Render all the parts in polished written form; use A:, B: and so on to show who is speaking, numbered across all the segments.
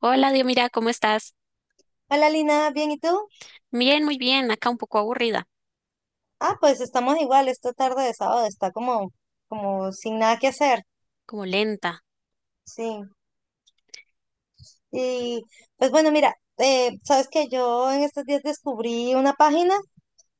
A: Hola, Dios, mira, ¿cómo estás?
B: Hola, Lina, ¿bien y tú?
A: Bien, muy bien, acá un poco aburrida,
B: Ah, pues estamos igual, esta tarde de sábado está como sin nada que hacer,
A: como lenta.
B: sí. Y pues bueno, mira, sabes que yo en estos días descubrí una página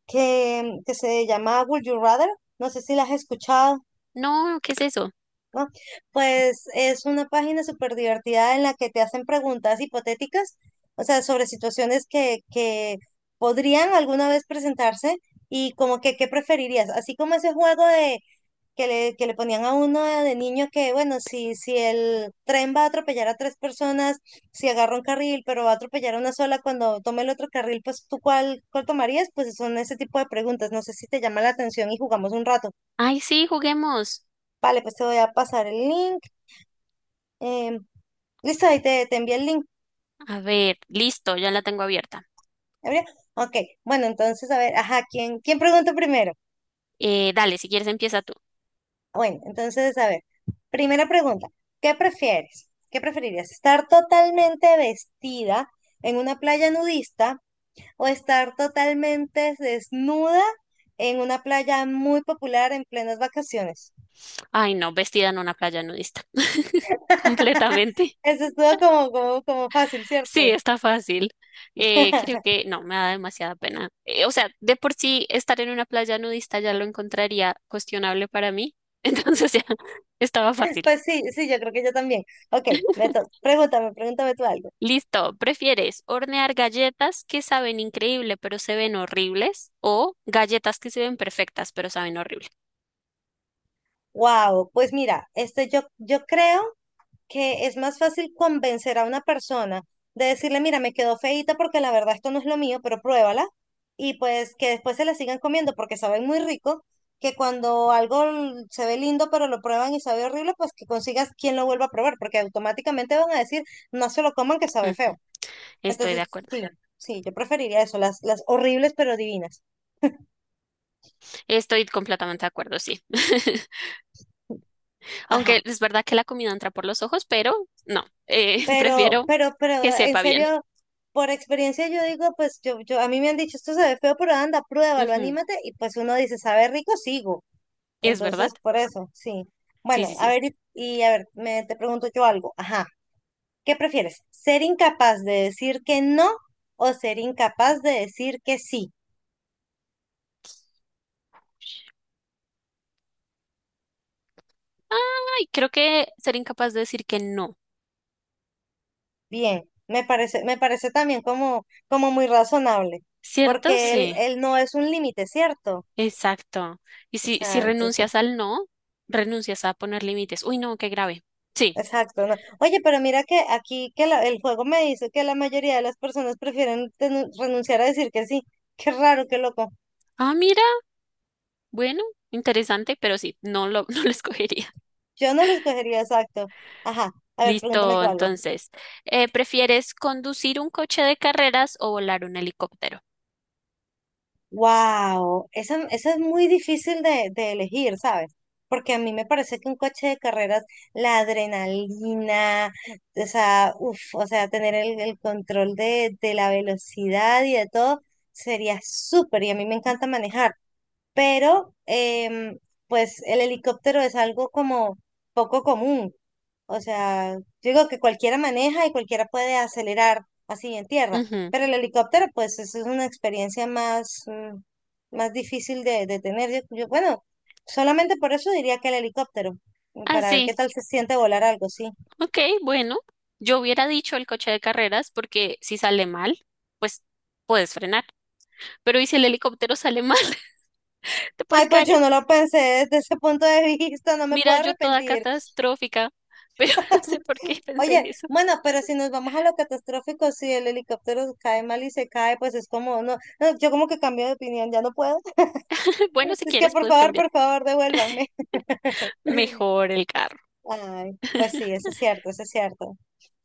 B: que se llama Would You Rather, no sé si la has escuchado,
A: No, ¿qué es eso?
B: ¿no? Pues es una página súper divertida en la que te hacen preguntas hipotéticas, o sea, sobre situaciones que podrían alguna vez presentarse y como que, ¿qué preferirías? Así como ese juego de que le ponían a uno de niño que, bueno, si el tren va a atropellar a tres personas, si agarra un carril, pero va a atropellar a una sola, cuando tome el otro carril, pues tú cuál tomarías, pues son ese tipo de preguntas. No sé si te llama la atención y jugamos un rato.
A: Ay, sí, juguemos.
B: Vale, pues te voy a pasar el link. em, listo, ahí te envié el link.
A: A ver, listo, ya la tengo abierta.
B: ¿Gabriel? Ok, bueno, entonces, a ver, ajá, ¿quién pregunta primero?
A: Dale, si quieres empieza tú.
B: Bueno, entonces, a ver, primera pregunta, ¿qué prefieres? ¿Qué preferirías? ¿Estar totalmente vestida en una playa nudista o estar totalmente desnuda en una playa muy popular en plenas vacaciones?
A: Ay, no, vestida en una playa nudista. Completamente.
B: Eso estuvo como fácil,
A: Sí,
B: ¿cierto?
A: está fácil. Creo que no, me da demasiada pena. O sea, de por sí estar en una playa nudista ya lo encontraría cuestionable para mí, entonces ya estaba fácil.
B: Pues sí, sí, yo creo que yo también. Ok, pregúntame tú algo.
A: Listo, ¿prefieres hornear galletas que saben increíble pero se ven horribles o galletas que se ven perfectas pero saben horrible?
B: Wow, pues mira, este, yo creo que es más fácil convencer a una persona de decirle, mira, me quedó feíta porque la verdad esto no es lo mío, pero pruébala. Y pues que después se la sigan comiendo porque saben muy rico, que cuando algo se ve lindo pero lo prueban y sabe horrible, pues que consigas quien lo vuelva a probar, porque automáticamente van a decir, no se lo coman que sabe feo.
A: Ujú, estoy de
B: Entonces,
A: acuerdo,
B: sí, sí, yo preferiría eso, las horribles pero divinas.
A: estoy completamente de acuerdo, sí. Aunque
B: Ajá.
A: es verdad que la comida entra por los ojos, pero no,
B: Pero,
A: prefiero
B: pero, pero,
A: que
B: en
A: sepa bien.
B: serio, por experiencia yo digo, pues yo, a mí me han dicho, esto se ve feo, pero anda, pruébalo,
A: Ujú,
B: anímate, y pues uno dice, sabe rico, sigo.
A: ¿es verdad?
B: Entonces, por eso, sí.
A: Sí,
B: Bueno,
A: sí,
B: a
A: sí.
B: ver, y a ver, te pregunto yo algo. Ajá, ¿qué prefieres? ¿Ser incapaz de decir que no o ser incapaz de decir que sí?
A: Ay, creo que ser incapaz de decir que no,
B: Bien, me parece también como muy razonable,
A: ¿cierto?
B: porque él,
A: Sí,
B: él no es un límite, ¿cierto?
A: exacto. Y
B: O
A: si
B: sea,
A: renuncias
B: entonces.
A: al no, renuncias a poner límites. Uy, no, qué grave. Sí.
B: Exacto, no. Oye, pero mira que aquí que el juego me dice que la mayoría de las personas prefieren renunciar a decir que sí. Qué raro, qué loco.
A: Ah, mira, bueno, interesante, pero sí, no lo, no lo escogería.
B: Yo no lo escogería exacto. Ajá, a ver, pregúntame
A: Listo,
B: tú algo.
A: entonces, ¿prefieres conducir un coche de carreras o volar un helicóptero?
B: Wow, esa es muy difícil de elegir, ¿sabes? Porque a mí me parece que un coche de carreras, la adrenalina, o sea, uf, o sea, tener el control de la velocidad y de todo sería súper. Y a mí me encanta manejar. Pero pues el helicóptero es algo como poco común. O sea, yo digo que cualquiera maneja y cualquiera puede acelerar así en tierra,
A: Ujú.
B: pero el helicóptero pues eso es una experiencia más, más difícil de tener. Yo, bueno, solamente por eso diría que el helicóptero,
A: Ah,
B: para ver qué
A: sí,
B: tal se siente volar algo, sí.
A: ok, bueno, yo hubiera dicho el coche de carreras porque si sale mal, pues puedes frenar, pero ¿y si el helicóptero sale mal? Te puedes
B: Ay,
A: caer.
B: pues yo no lo pensé desde ese punto de vista, no me
A: Mira,
B: puedo
A: yo toda
B: arrepentir.
A: catastrófica, pero no sé por qué pensé en
B: Oye,
A: eso.
B: bueno, pero si nos vamos a lo catastrófico, si el helicóptero cae mal y se cae, pues es como, no, no, yo como que cambio de opinión, ya no puedo.
A: Bueno, si
B: Es que
A: quieres, puedes cambiar.
B: por favor, devuélvanme.
A: Mejor el carro.
B: Ay, pues sí, eso es cierto, eso es cierto.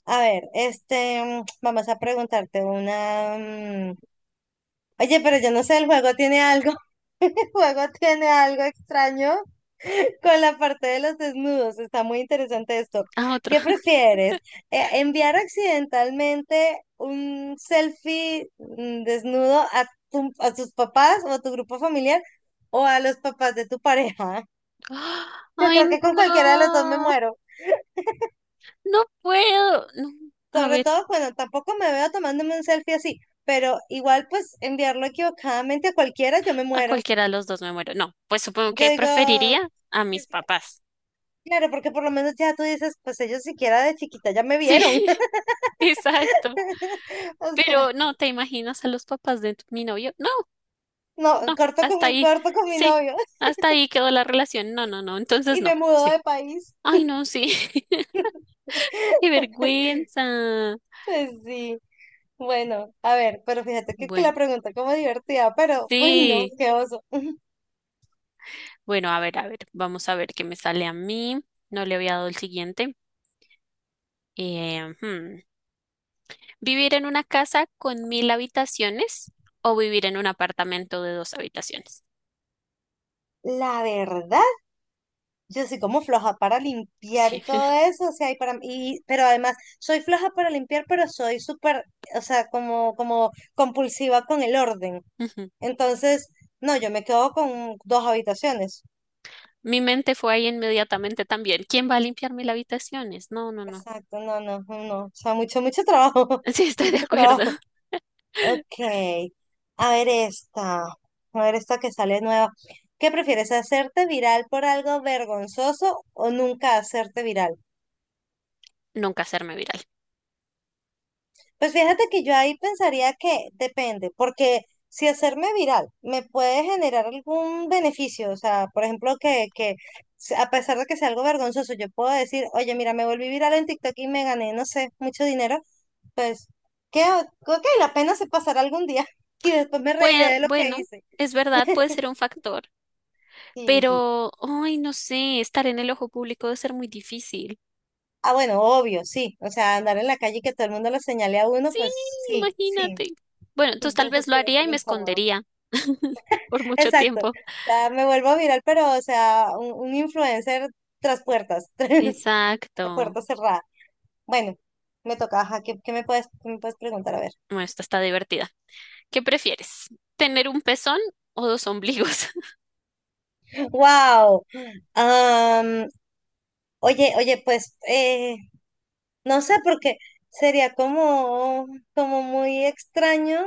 B: A ver, este, vamos a preguntarte una. Oye, pero yo no sé, el juego tiene algo. Juego tiene algo extraño con la parte de los desnudos. Está muy interesante esto.
A: Ah, otro.
B: ¿Qué prefieres? ¿Enviar accidentalmente un selfie desnudo a tus papás o a tu grupo familiar o a los papás de tu pareja?
A: ¡Ah!
B: Yo
A: Ay,
B: creo que con cualquiera de los dos me
A: no.
B: muero.
A: No puedo. No. A
B: Sobre
A: ver,
B: todo, bueno, tampoco me veo tomándome un selfie así, pero igual pues enviarlo equivocadamente a cualquiera, yo me
A: a
B: muero.
A: cualquiera de los dos me muero. No, pues supongo
B: Yo
A: que
B: digo
A: preferiría a
B: que
A: mis
B: sí.
A: papás.
B: Claro, porque por lo menos ya tú dices, pues ellos siquiera de chiquita ya me
A: Sí,
B: vieron.
A: exacto.
B: O sea,
A: Pero no, ¿te imaginas a los papás de mi novio? No,
B: no,
A: no,
B: corto con
A: hasta
B: mi,
A: ahí.
B: corto con mi
A: Sí,
B: novio
A: hasta ahí quedó la relación. No, no, no. Entonces
B: y me
A: no.
B: mudó
A: Sí.
B: de país.
A: Ay, no, sí. Qué vergüenza.
B: Pues sí, bueno, a ver, pero fíjate que, la
A: Bueno,
B: pregunta como divertida, pero, uy, no,
A: sí.
B: qué oso.
A: Bueno, a ver, a ver. Vamos a ver qué me sale a mí. No le había dado el siguiente. Eh, hmm, ¿Vivir en una casa con 1000 habitaciones o vivir en un apartamento de dos habitaciones?
B: La verdad, yo soy como floja para limpiar
A: Sí.
B: y todo eso, o sea, pero además, soy floja para limpiar, pero soy súper, o sea, como compulsiva con el orden.
A: Ujú.
B: Entonces, no, yo me quedo con dos habitaciones.
A: Mi mente fue ahí inmediatamente también. ¿Quién va a limpiar 1000 habitaciones? No, no, no.
B: Exacto, no, no, no. O sea, mucho, mucho trabajo.
A: Sí, estoy de
B: Mucho
A: acuerdo.
B: trabajo. Ok. A ver esta. A ver esta que sale nueva. ¿Qué prefieres, hacerte viral por algo vergonzoso o nunca hacerte viral?
A: Nunca hacerme viral.
B: Pues fíjate que yo ahí pensaría que depende, porque si hacerme viral me puede generar algún beneficio, o sea, por ejemplo, a pesar de que sea algo vergonzoso, yo puedo decir, oye, mira, me volví viral en TikTok y me gané, no sé, mucho dinero, pues, que, ok, la pena se pasará algún día y después me reiré
A: Puede,
B: de lo que
A: bueno,
B: hice.
A: es verdad, puede ser un factor,
B: Sí, sí.
A: pero, ay, no sé, estar en el ojo público debe ser muy difícil.
B: Ah, bueno, obvio, sí, o sea, andar en la calle y que todo el mundo lo señale a uno,
A: Sí,
B: pues sí, sí,
A: imagínate. Bueno, entonces tal
B: eso
A: vez
B: sí
A: lo
B: debe
A: haría y
B: ser
A: me
B: incómodo.
A: escondería por mucho
B: Exacto. O
A: tiempo.
B: sea, me vuelvo viral, pero, o sea, un influencer tras puertas, tras
A: Exacto.
B: puertas cerradas. Bueno, me toca, ajá, ¿qué me puedes preguntar? A ver.
A: Bueno, esta está divertida. ¿Qué prefieres? ¿Tener un pezón o dos ombligos?
B: Wow. Am, oye, oye, pues, no sé, porque sería como muy extraño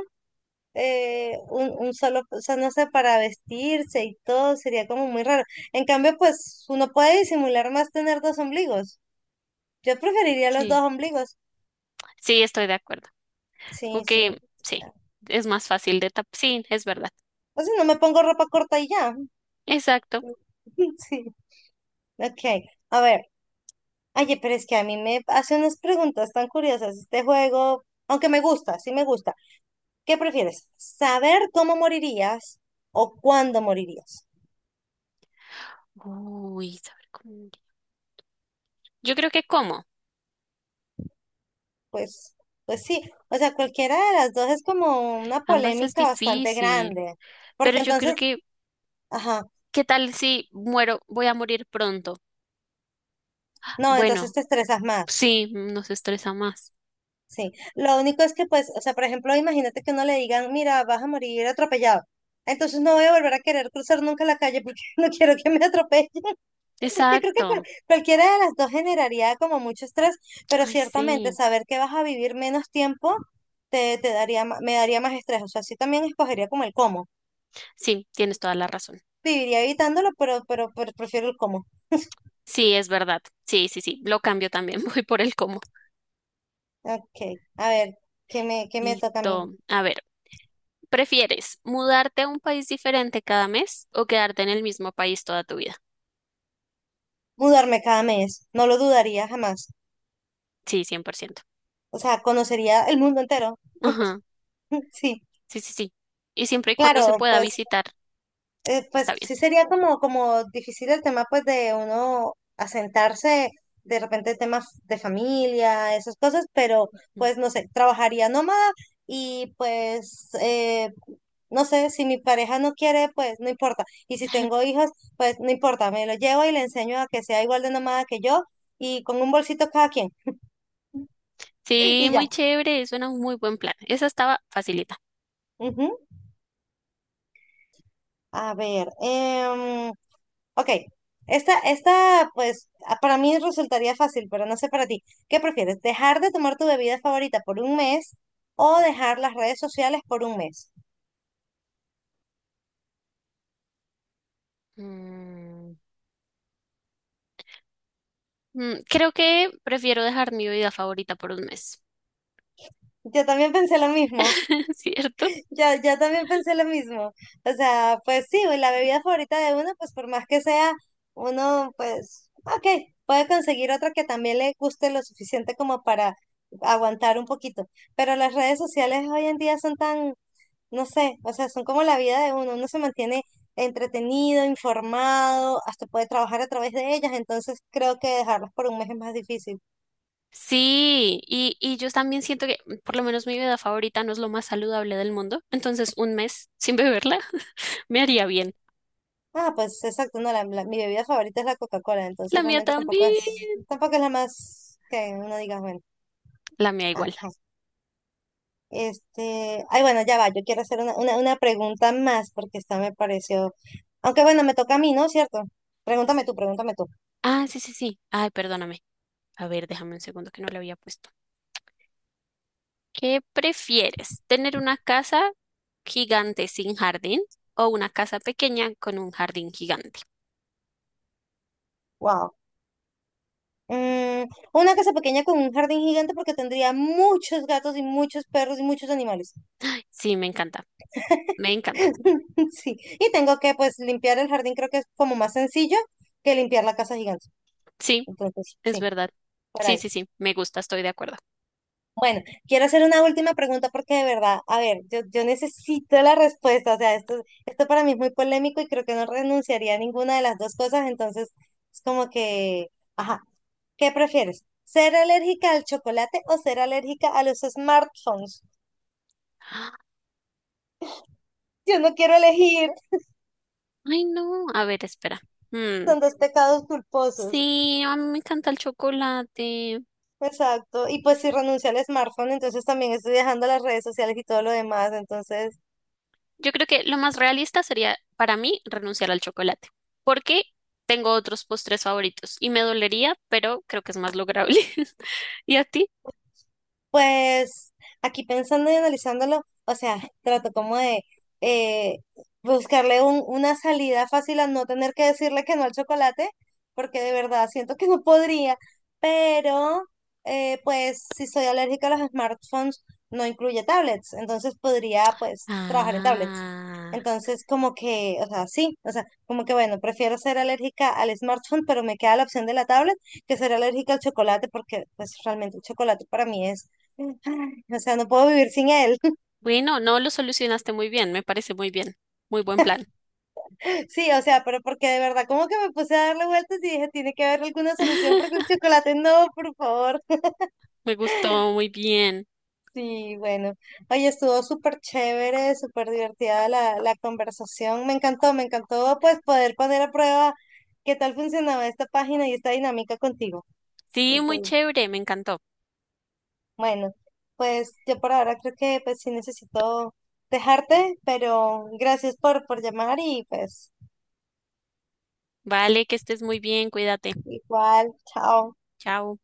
B: un solo, o sea, no sé, para vestirse y todo, sería como muy raro. En cambio, pues, uno puede disimular más tener dos ombligos. Yo preferiría los dos
A: Sí,
B: ombligos.
A: sí, estoy de acuerdo.
B: Sí,
A: Ok,
B: sí.
A: sí, es más fácil de tapar. Sí, es verdad.
B: Entonces no me pongo ropa corta y ya.
A: Exacto.
B: Sí. Ok, a ver. Oye, pero es que a mí me hace unas preguntas tan curiosas este juego, aunque me gusta, sí me gusta. ¿Qué prefieres? ¿Saber cómo morirías o cuándo morirías?
A: Uy, saber cómo. Yo creo que cómo.
B: Pues, pues sí, o sea, cualquiera de las dos es como una
A: Ambas es
B: polémica bastante
A: difícil,
B: grande,
A: pero
B: porque
A: yo
B: entonces,
A: creo que,
B: ajá,
A: ¿qué tal si muero? Voy a morir pronto.
B: no, entonces
A: Bueno,
B: te estresas más.
A: sí, nos estresa más.
B: Sí, lo único es que, pues, o sea, por ejemplo, imagínate que uno le digan, mira, vas a morir atropellado. Entonces no voy a volver a querer cruzar nunca la calle porque no quiero que me atropellen. Yo creo que
A: Exacto.
B: cualquiera de las dos generaría como mucho estrés, pero
A: Ay,
B: ciertamente
A: sí.
B: saber que vas a vivir menos tiempo te daría, me daría más estrés. O sea, sí también escogería como el cómo.
A: Sí, tienes toda la razón.
B: Viviría evitándolo, pero prefiero el cómo.
A: Sí, es verdad. Sí, sí, sí. Lo cambio también. Voy por el cómo.
B: Ok, a ver, ¿qué me toca a mí?
A: Listo. A ver. ¿Prefieres mudarte a un país diferente cada mes o quedarte en el mismo país toda tu vida?
B: Mudarme cada mes, no lo dudaría jamás.
A: Sí, 100%.
B: O sea, conocería el mundo entero.
A: Ajá.
B: Sí,
A: Sí, sí, sí. Y siempre y cuando se
B: claro,
A: pueda
B: pues,
A: visitar,
B: pues
A: está bien.
B: sí sería como difícil el tema pues de uno asentarse de repente temas de familia, esas cosas, pero
A: Mm.
B: pues no sé, trabajaría nómada y pues no sé, si mi pareja no quiere, pues no importa. Y si tengo hijos, pues no importa, me lo llevo y le enseño a que sea igual de nómada que yo y con un bolsito cada quien.
A: Sí,
B: Y ya.
A: muy chévere, suena un muy buen plan. Esa estaba facilita.
B: Ujú. A ver, ok, esta, pues, para mí resultaría fácil, pero no sé para ti. ¿Qué prefieres? ¿Dejar de tomar tu bebida favorita por un mes o dejar las redes sociales por un mes?
A: Mm, Creo que prefiero dejar mi vida favorita por un mes.
B: Yo también pensé lo mismo,
A: ¿Cierto?
B: yo también pensé lo mismo. O sea, pues sí, güey, la bebida favorita de uno, pues por más que sea, uno, pues, ok, puede conseguir otra que también le guste lo suficiente como para aguantar un poquito. Pero las redes sociales hoy en día son tan no sé, o sea, son como la vida de uno, uno se mantiene entretenido, informado, hasta puede trabajar a través de ellas, entonces creo que dejarlas por un mes es más difícil.
A: Sí, y yo también siento que por lo menos mi vida favorita no es lo más saludable del mundo, entonces un mes sin beberla me haría bien.
B: Ah, pues exacto, no, mi bebida favorita es la Coca-Cola,
A: La
B: entonces
A: mía
B: realmente tampoco
A: también.
B: es, tampoco es la más que uno diga, bueno,
A: La mía igual.
B: ajá. Este, ay, bueno, ya va, yo quiero hacer una pregunta más porque esta me pareció, aunque bueno, me toca a mí, ¿no? ¿Cierto? Pregúntame tú, pregúntame tú.
A: Ah, sí, sí, sí. Ay, perdóname. A ver, déjame un segundo que no le había puesto. ¿Qué prefieres? ¿Tener una casa gigante sin jardín o una casa pequeña con un jardín gigante?
B: Wow. Mm, una casa pequeña con un jardín gigante porque tendría muchos gatos y muchos perros y muchos animales.
A: Sí, me encanta. Me encanta.
B: Sí, y tengo que pues limpiar el jardín, creo que es como más sencillo que limpiar la casa gigante.
A: Sí,
B: Entonces,
A: es
B: sí,
A: verdad.
B: por
A: Sí,
B: ahí.
A: sí, sí. Me gusta, estoy de acuerdo.
B: Bueno, quiero hacer una última pregunta porque de verdad, a ver, yo necesito la respuesta, o sea, esto para mí es muy polémico y creo que no renunciaría a ninguna de las dos cosas, entonces es como que, ajá, ¿qué prefieres? ¿Ser alérgica al chocolate o ser alérgica a los smartphones? Yo no quiero elegir,
A: Ay, no. A ver, espera. Mm,
B: son dos pecados culposos.
A: sí, a mí me encanta el chocolate.
B: Exacto. Y pues si renuncio al smartphone, entonces también estoy dejando las redes sociales y todo lo demás. Entonces.
A: Yo creo que lo más realista sería para mí renunciar al chocolate, porque tengo otros postres favoritos y me dolería, pero creo que es más lograble. ¿Y a ti?
B: Pues aquí pensando y analizándolo, o sea, trato como de eh, buscarle una salida fácil a no tener que decirle que no al chocolate, porque de verdad siento que no podría, pero pues si soy alérgica a los smartphones, no incluye tablets, entonces podría pues trabajar en tablets.
A: Ah,
B: Entonces como que, o sea, sí, o sea, como que bueno, prefiero ser alérgica al smartphone, pero me queda la opción de la tablet que ser alérgica al chocolate, porque pues realmente el chocolate para mí es Ay, o sea, no puedo vivir sin él.
A: bueno, no lo solucionaste muy bien, me parece muy bien, muy buen plan.
B: Sí, o sea, pero porque de verdad, como que me puse a darle vueltas y dije, tiene que haber alguna solución porque el chocolate no, por favor.
A: Me gustó muy bien.
B: Sí, bueno. Oye, estuvo súper chévere, súper divertida la conversación. Me encantó pues poder poner a prueba qué tal funcionaba esta página y esta dinámica contigo.
A: Sí, muy
B: Entonces,
A: chévere, me encantó.
B: bueno, pues yo por ahora creo que pues sí necesito dejarte, pero gracias por llamar y pues
A: Vale, que estés muy bien, cuídate.
B: igual, chao.
A: Chao.